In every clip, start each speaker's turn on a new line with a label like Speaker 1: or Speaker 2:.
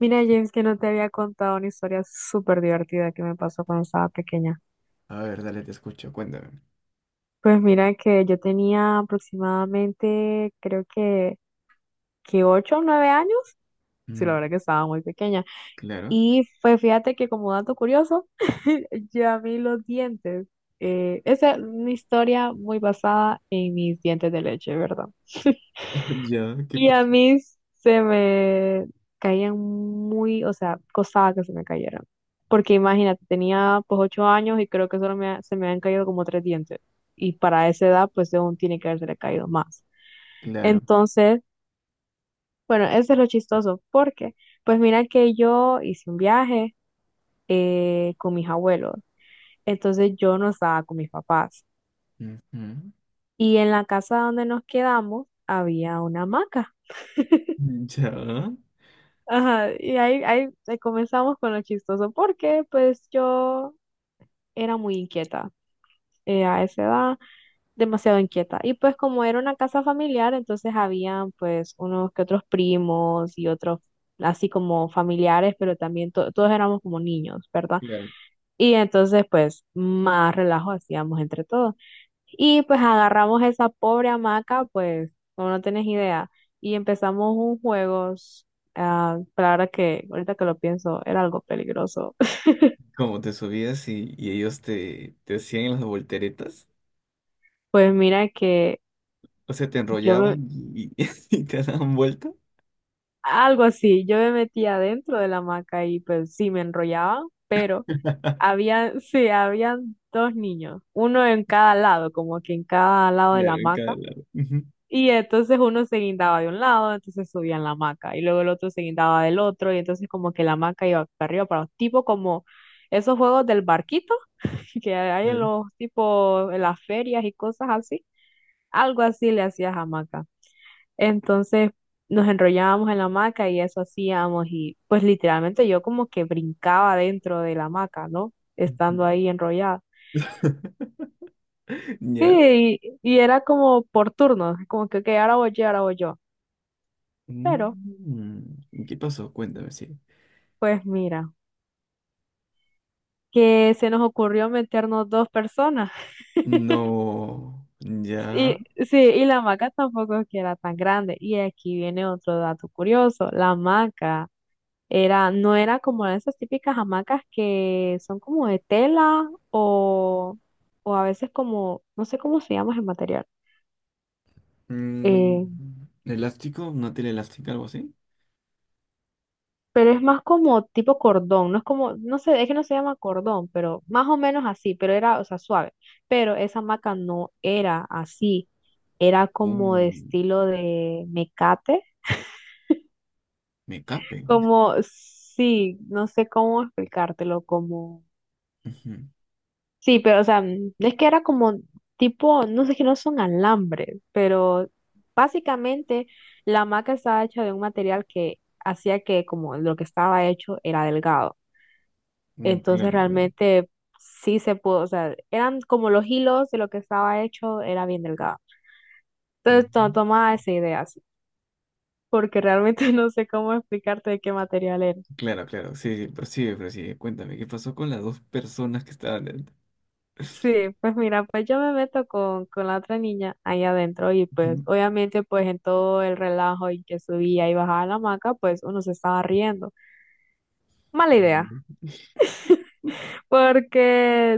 Speaker 1: Mira, James, que no te había contado una historia súper divertida que me pasó cuando estaba pequeña.
Speaker 2: A ver, dale, te escucho, cuéntame.
Speaker 1: Pues mira que yo tenía aproximadamente, creo que 8 o 9 años. Sí, la verdad
Speaker 2: Mm,
Speaker 1: que estaba muy pequeña.
Speaker 2: claro.
Speaker 1: Y pues fíjate que como dato curioso, yo a mí los dientes, esa es una historia muy basada en mis dientes de leche, ¿verdad?
Speaker 2: Ya, ¿qué
Speaker 1: Y a
Speaker 2: pasó?
Speaker 1: mí se me caían muy, o sea, costaba que se me cayeran. Porque imagínate, tenía pues 8 años y creo que solo me, se me han caído como tres dientes. Y para esa edad, pues aún tiene que haberse caído más.
Speaker 2: Claro.
Speaker 1: Entonces, bueno, eso es lo chistoso. Porque, pues mira que yo hice un viaje con mis abuelos. Entonces yo no estaba con mis papás.
Speaker 2: Ujú.
Speaker 1: Y en la casa donde nos quedamos había una hamaca.
Speaker 2: Ya.
Speaker 1: Ajá, y ahí comenzamos con lo chistoso, porque pues yo era muy inquieta a esa edad, demasiado inquieta. Y pues como era una casa familiar, entonces habían pues unos que otros primos y otros así como familiares, pero también todos éramos como niños, ¿verdad?
Speaker 2: Claro.
Speaker 1: Y entonces pues más relajo hacíamos entre todos. Y pues agarramos esa pobre hamaca, pues, como no tienes idea, y empezamos un juego, ah, pero ahorita que lo pienso, era algo peligroso.
Speaker 2: ¿Como te subías y, ellos te, hacían las volteretas?
Speaker 1: Pues mira que
Speaker 2: O sea, te
Speaker 1: yo me-
Speaker 2: enrollaban y, y te daban vuelta.
Speaker 1: algo así, yo me metía dentro de la hamaca y pues sí me enrollaba, pero sí, habían dos niños, uno en cada lado, como que en cada lado de la
Speaker 2: Claro, en cada
Speaker 1: hamaca.
Speaker 2: lado. Ujú,
Speaker 1: Y entonces uno se guindaba de un lado, entonces subían la hamaca, y luego el otro se guindaba del otro, y entonces como que la hamaca iba para arriba, para tipo como esos juegos del barquito que hay
Speaker 2: claro.
Speaker 1: en las ferias y cosas así, algo así le hacías hamaca. Entonces nos enrollábamos en la hamaca y eso hacíamos, y pues literalmente yo como que brincaba dentro de la hamaca, ¿no?
Speaker 2: Ujú.
Speaker 1: Estando ahí enrollada.
Speaker 2: Ya.
Speaker 1: Sí, y era como por turnos, como que, ok, ahora voy yo, ahora voy yo. Pero,
Speaker 2: Mm, ¿qué pasó? Cuéntame, sí.
Speaker 1: pues mira, que se nos ocurrió meternos dos personas.
Speaker 2: No.
Speaker 1: Y
Speaker 2: Ya.
Speaker 1: sí, y la hamaca tampoco es que era tan grande. Y aquí viene otro dato curioso. La hamaca era, no era como esas típicas hamacas que son como de tela o a veces como, no sé cómo se llama ese material. Eh,
Speaker 2: Mm, ¿elástico? ¿Una tela elástica? ¿Algo así?
Speaker 1: pero es más como tipo cordón, no es como, no sé, es que no se llama cordón, pero más o menos así, pero era, o sea, suave. Pero esa maca no era así, era como de
Speaker 2: Uh.
Speaker 1: estilo de mecate,
Speaker 2: Me cape.
Speaker 1: como, sí, no sé cómo explicártelo, como,
Speaker 2: Ujú.
Speaker 1: sí, pero, o sea, es que era como tipo, no sé, que no son alambres, pero básicamente la maca estaba hecha de un material que hacía que como lo que estaba hecho era delgado.
Speaker 2: Mm,
Speaker 1: Entonces
Speaker 2: claro, claro.
Speaker 1: realmente sí se pudo, o sea, eran como los hilos de lo que estaba hecho, era bien delgado. Entonces
Speaker 2: Ujú.
Speaker 1: tomaba esa idea así, porque realmente no sé cómo explicarte de qué material era.
Speaker 2: Claro, claro. Sí, sí, prosigue, prosigue. Cuéntame, ¿qué pasó con las dos personas que estaban dentro?
Speaker 1: Sí, pues mira, pues yo me meto con la otra niña ahí adentro y pues
Speaker 2: Ujú.
Speaker 1: obviamente pues en todo el relajo y que subía y bajaba la hamaca, pues uno se estaba riendo. Mala idea, porque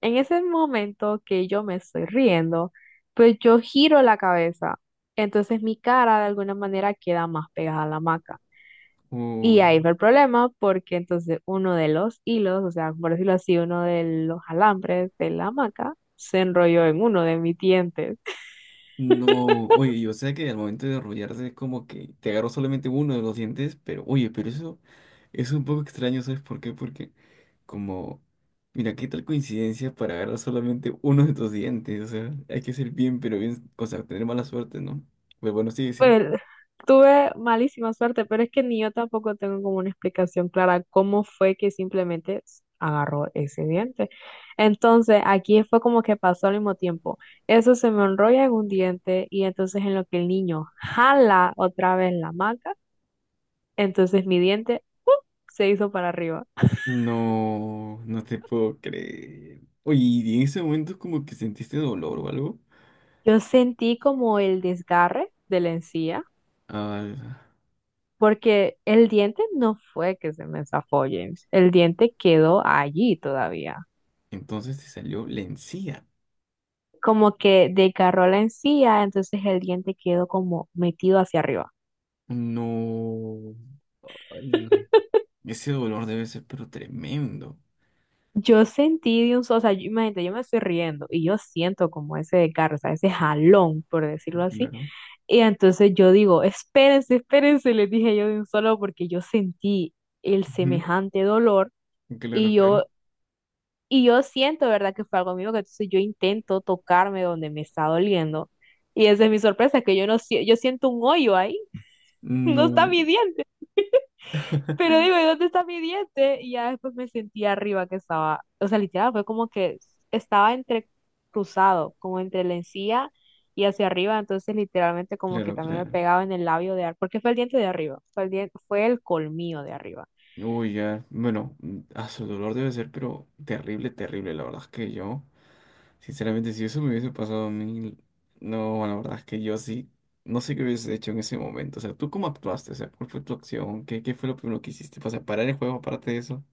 Speaker 1: en ese momento que yo me estoy riendo, pues yo giro la cabeza. Entonces mi cara de alguna manera queda más pegada a la hamaca. Y
Speaker 2: Uy,
Speaker 1: ahí fue el problema porque entonces uno de los hilos, o sea, por decirlo así, uno de los alambres de la hamaca se enrolló en uno de mis dientes.
Speaker 2: no, oye, yo sé que al momento de arrollarse es como que te agarró solamente uno de los dientes, pero oye, pero eso es un poco extraño, ¿sabes por qué? Porque como, mira, qué tal coincidencia para agarrar solamente uno de tus dientes, o sea, hay que ser bien, pero bien, o sea, tener mala suerte, ¿no? Pero bueno, sí, sí.
Speaker 1: Pues tuve malísima suerte, pero es que ni yo tampoco tengo como una explicación clara cómo fue que simplemente agarró ese diente. Entonces, aquí fue como que pasó al mismo tiempo. Eso se me enrolla en un diente y entonces en lo que el niño jala otra vez la maca, entonces mi diente se hizo para arriba.
Speaker 2: No, no te puedo creer. Oye, ¿y en ese momento como que sentiste dolor o algo?
Speaker 1: Yo sentí como el desgarre de la encía.
Speaker 2: Ah,
Speaker 1: Porque el diente no fue que se me zafó, James. El diente quedó allí todavía.
Speaker 2: entonces te salió la encía.
Speaker 1: Como que desgarró la encía, entonces el diente quedó como metido hacia arriba.
Speaker 2: No, ay no. Ese dolor debe ser pero tremendo.
Speaker 1: Yo sentí de un, o sea, yo, imagínate, yo me estoy riendo y yo siento como ese desgarro, o sea, ese jalón, por decirlo así.
Speaker 2: Claro.
Speaker 1: Y entonces yo digo, espérense, espérense, les dije yo de un solo porque yo sentí el
Speaker 2: Ujú,
Speaker 1: semejante dolor
Speaker 2: claro,
Speaker 1: y
Speaker 2: claro.
Speaker 1: yo, y yo siento, ¿verdad? Que fue algo mío, que entonces yo intento tocarme donde me está doliendo. Y esa es mi sorpresa, que yo no, sie- yo siento un hoyo ahí, no está
Speaker 2: No,
Speaker 1: mi diente. Pero digo, ¿y dónde está mi diente? Y ya después me sentí arriba que estaba, o sea, literal, fue como que estaba entre cruzado, como entre la encía y hacia arriba, entonces literalmente como que
Speaker 2: claro,
Speaker 1: también me
Speaker 2: claro.
Speaker 1: pegaba en el labio de arriba, porque fue el diente de arriba, fue el colmillo de arriba.
Speaker 2: Uy, ya. Bueno, a su dolor debe ser pero terrible, terrible. La verdad es que yo. Sinceramente, si eso me hubiese pasado a mí, no, bueno, la verdad es que yo sí, no sé qué hubiese hecho en ese momento. O sea, ¿tú cómo actuaste? O sea, ¿cuál fue tu acción? ¿Qué, fue lo primero que hiciste? O sea, parar el juego aparte de eso.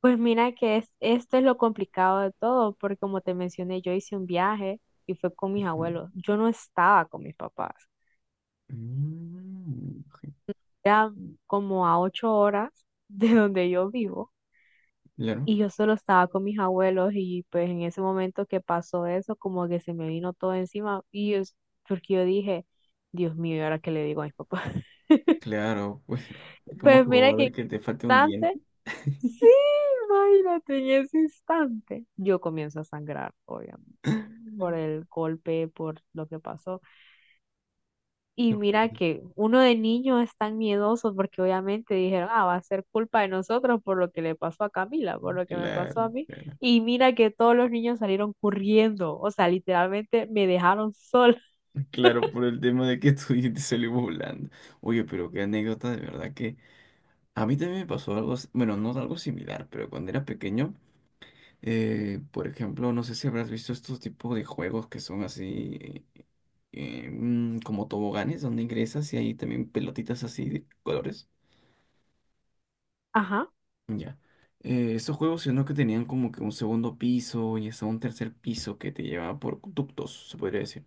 Speaker 1: Pues mira que es, esto es lo complicado de todo, porque como te mencioné, yo hice un viaje y fue con mis
Speaker 2: Mm,
Speaker 1: abuelos. Yo no estaba con mis papás.
Speaker 2: mm,
Speaker 1: Era como a 8 horas de donde yo vivo.
Speaker 2: claro,
Speaker 1: Y yo solo estaba con mis abuelos y pues en ese momento que pasó eso, como que se me vino todo encima y es porque yo dije, Dios mío, ¿y ahora qué le digo a mis papás?
Speaker 2: claro, pues, ¿cómo es
Speaker 1: Pues
Speaker 2: que
Speaker 1: mira
Speaker 2: va a
Speaker 1: que en
Speaker 2: ver
Speaker 1: ese
Speaker 2: que te falte un diente?
Speaker 1: instante, sí, imagínate, en ese instante, yo comienzo a sangrar, obviamente, por el golpe, por lo que pasó. Y
Speaker 2: No, pues,
Speaker 1: mira que uno de niño es tan miedoso porque obviamente dijeron, ah, va a ser culpa de nosotros por lo que le pasó a Camila, por lo que me pasó a
Speaker 2: claro,
Speaker 1: mí.
Speaker 2: claro,
Speaker 1: Y mira que todos los niños salieron corriendo, o sea, literalmente me dejaron sola.
Speaker 2: claro, por el tema de que tu diente salió volando. Oye, pero qué anécdota, de verdad que a mí también me pasó algo, bueno, no algo similar, pero cuando era pequeño. Por ejemplo, no sé si habrás visto estos tipos de juegos que son así como toboganes donde ingresas y hay también pelotitas así de colores.
Speaker 1: Ajá,
Speaker 2: Ya. Estos juegos, sino que tenían como que un segundo piso y hasta un tercer piso que te llevaba por ductos, se podría decir.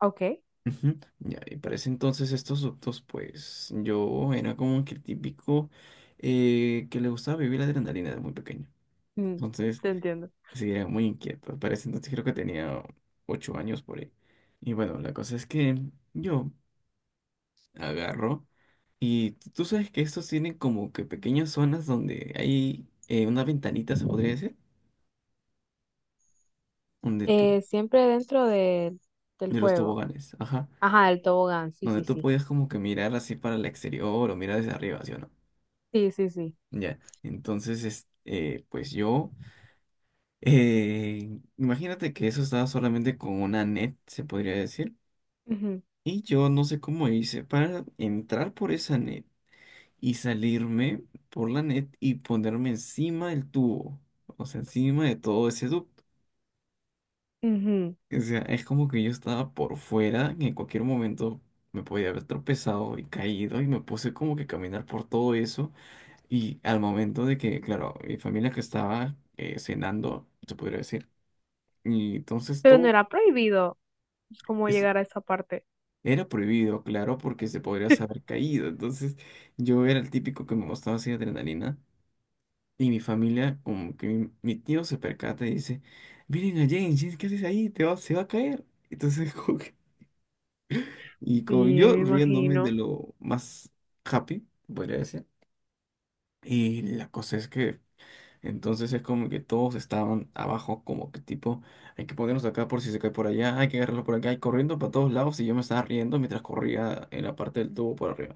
Speaker 1: ok,
Speaker 2: Ujú. Ya, y para ese entonces estos ductos, pues yo era como que el típico que le gustaba vivir la adrenalina de muy pequeño.
Speaker 1: mm,
Speaker 2: Entonces,
Speaker 1: te entiendo.
Speaker 2: sí, era muy inquieto. Para ese entonces creo que tenía 8 años por ahí. Y bueno, la cosa es que yo agarro y tú sabes que estos tienen como que pequeñas zonas donde hay una ventanita, se podría decir, donde tú,
Speaker 1: Siempre dentro del
Speaker 2: de los
Speaker 1: juego.
Speaker 2: toboganes, ajá,
Speaker 1: Ajá, del tobogán, sí,
Speaker 2: donde
Speaker 1: sí,
Speaker 2: tú
Speaker 1: sí.
Speaker 2: podías como que mirar así para el exterior o mirar desde arriba, ¿sí o no?
Speaker 1: Sí, sí, sí.
Speaker 2: Ya, entonces, es, pues yo, imagínate que eso estaba solamente con una net, se podría decir.
Speaker 1: Ujú,
Speaker 2: Y yo no sé cómo hice para entrar por esa net y salirme por la net y ponerme encima del tubo, o sea, encima de todo ese ducto.
Speaker 1: ujú.
Speaker 2: O sea, es como que yo estaba por fuera y en cualquier momento me podía haber tropezado y caído y me puse como que a caminar por todo eso. Y al momento de que, claro, mi familia que estaba cenando, se podría decir, y entonces
Speaker 1: Pero no
Speaker 2: todo...
Speaker 1: era prohibido pues, como llegar a esa parte.
Speaker 2: Era prohibido, claro, porque se podría haber caído. Entonces, yo era el típico que me gustaba así adrenalina. Y mi familia, como que mi, tío se percata y dice, miren a James, James, ¿qué haces ahí? Te va, se va a caer. Entonces, como que... y
Speaker 1: Sí,
Speaker 2: como yo
Speaker 1: me
Speaker 2: riéndome de
Speaker 1: imagino.
Speaker 2: lo más happy, podría decir. Y la cosa es que entonces es como que todos estaban abajo, como que tipo, hay que ponernos acá por si se cae por allá, hay que agarrarlo por acá, y corriendo para todos lados, y yo me estaba riendo mientras corría en la parte del tubo por arriba.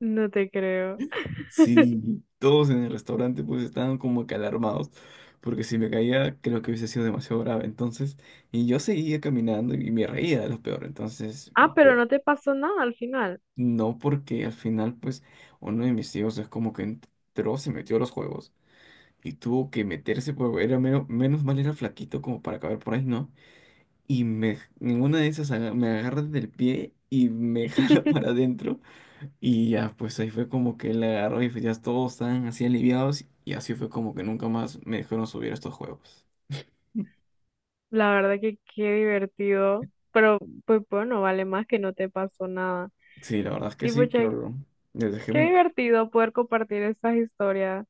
Speaker 1: No te creo.
Speaker 2: Sí, todos en el restaurante pues estaban como que alarmados, porque si me caía creo que hubiese sido demasiado grave. Entonces, y yo seguía caminando y me reía de lo peor. Entonces,
Speaker 1: Ah, pero
Speaker 2: bueno,
Speaker 1: no te pasó nada al final.
Speaker 2: no porque al final pues uno de mis tíos es como que entró, se metió a los juegos y tuvo que meterse, porque era menos, menos mal era flaquito como para caber por ahí, ¿no? Y me, en una de esas me agarra del pie y me jala para adentro. Y ya, pues ahí fue como que él la agarró y pues ya todos estaban así aliviados y así fue como que nunca más me dejaron subir a estos juegos.
Speaker 1: La verdad que qué divertido. Pero pues bueno, vale más que no te pasó nada.
Speaker 2: Sí, la verdad es que
Speaker 1: Y
Speaker 2: sí,
Speaker 1: pucha,
Speaker 2: pero les dejé
Speaker 1: qué
Speaker 2: un...
Speaker 1: divertido poder compartir estas historias.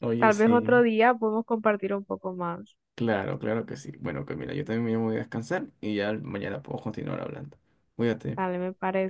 Speaker 2: Oye,
Speaker 1: Tal vez otro
Speaker 2: sí,
Speaker 1: día podemos compartir un poco más.
Speaker 2: claro, claro que sí. Bueno, Camila, yo también me voy a descansar y ya mañana puedo continuar hablando. Cuídate.
Speaker 1: Dale, me parece.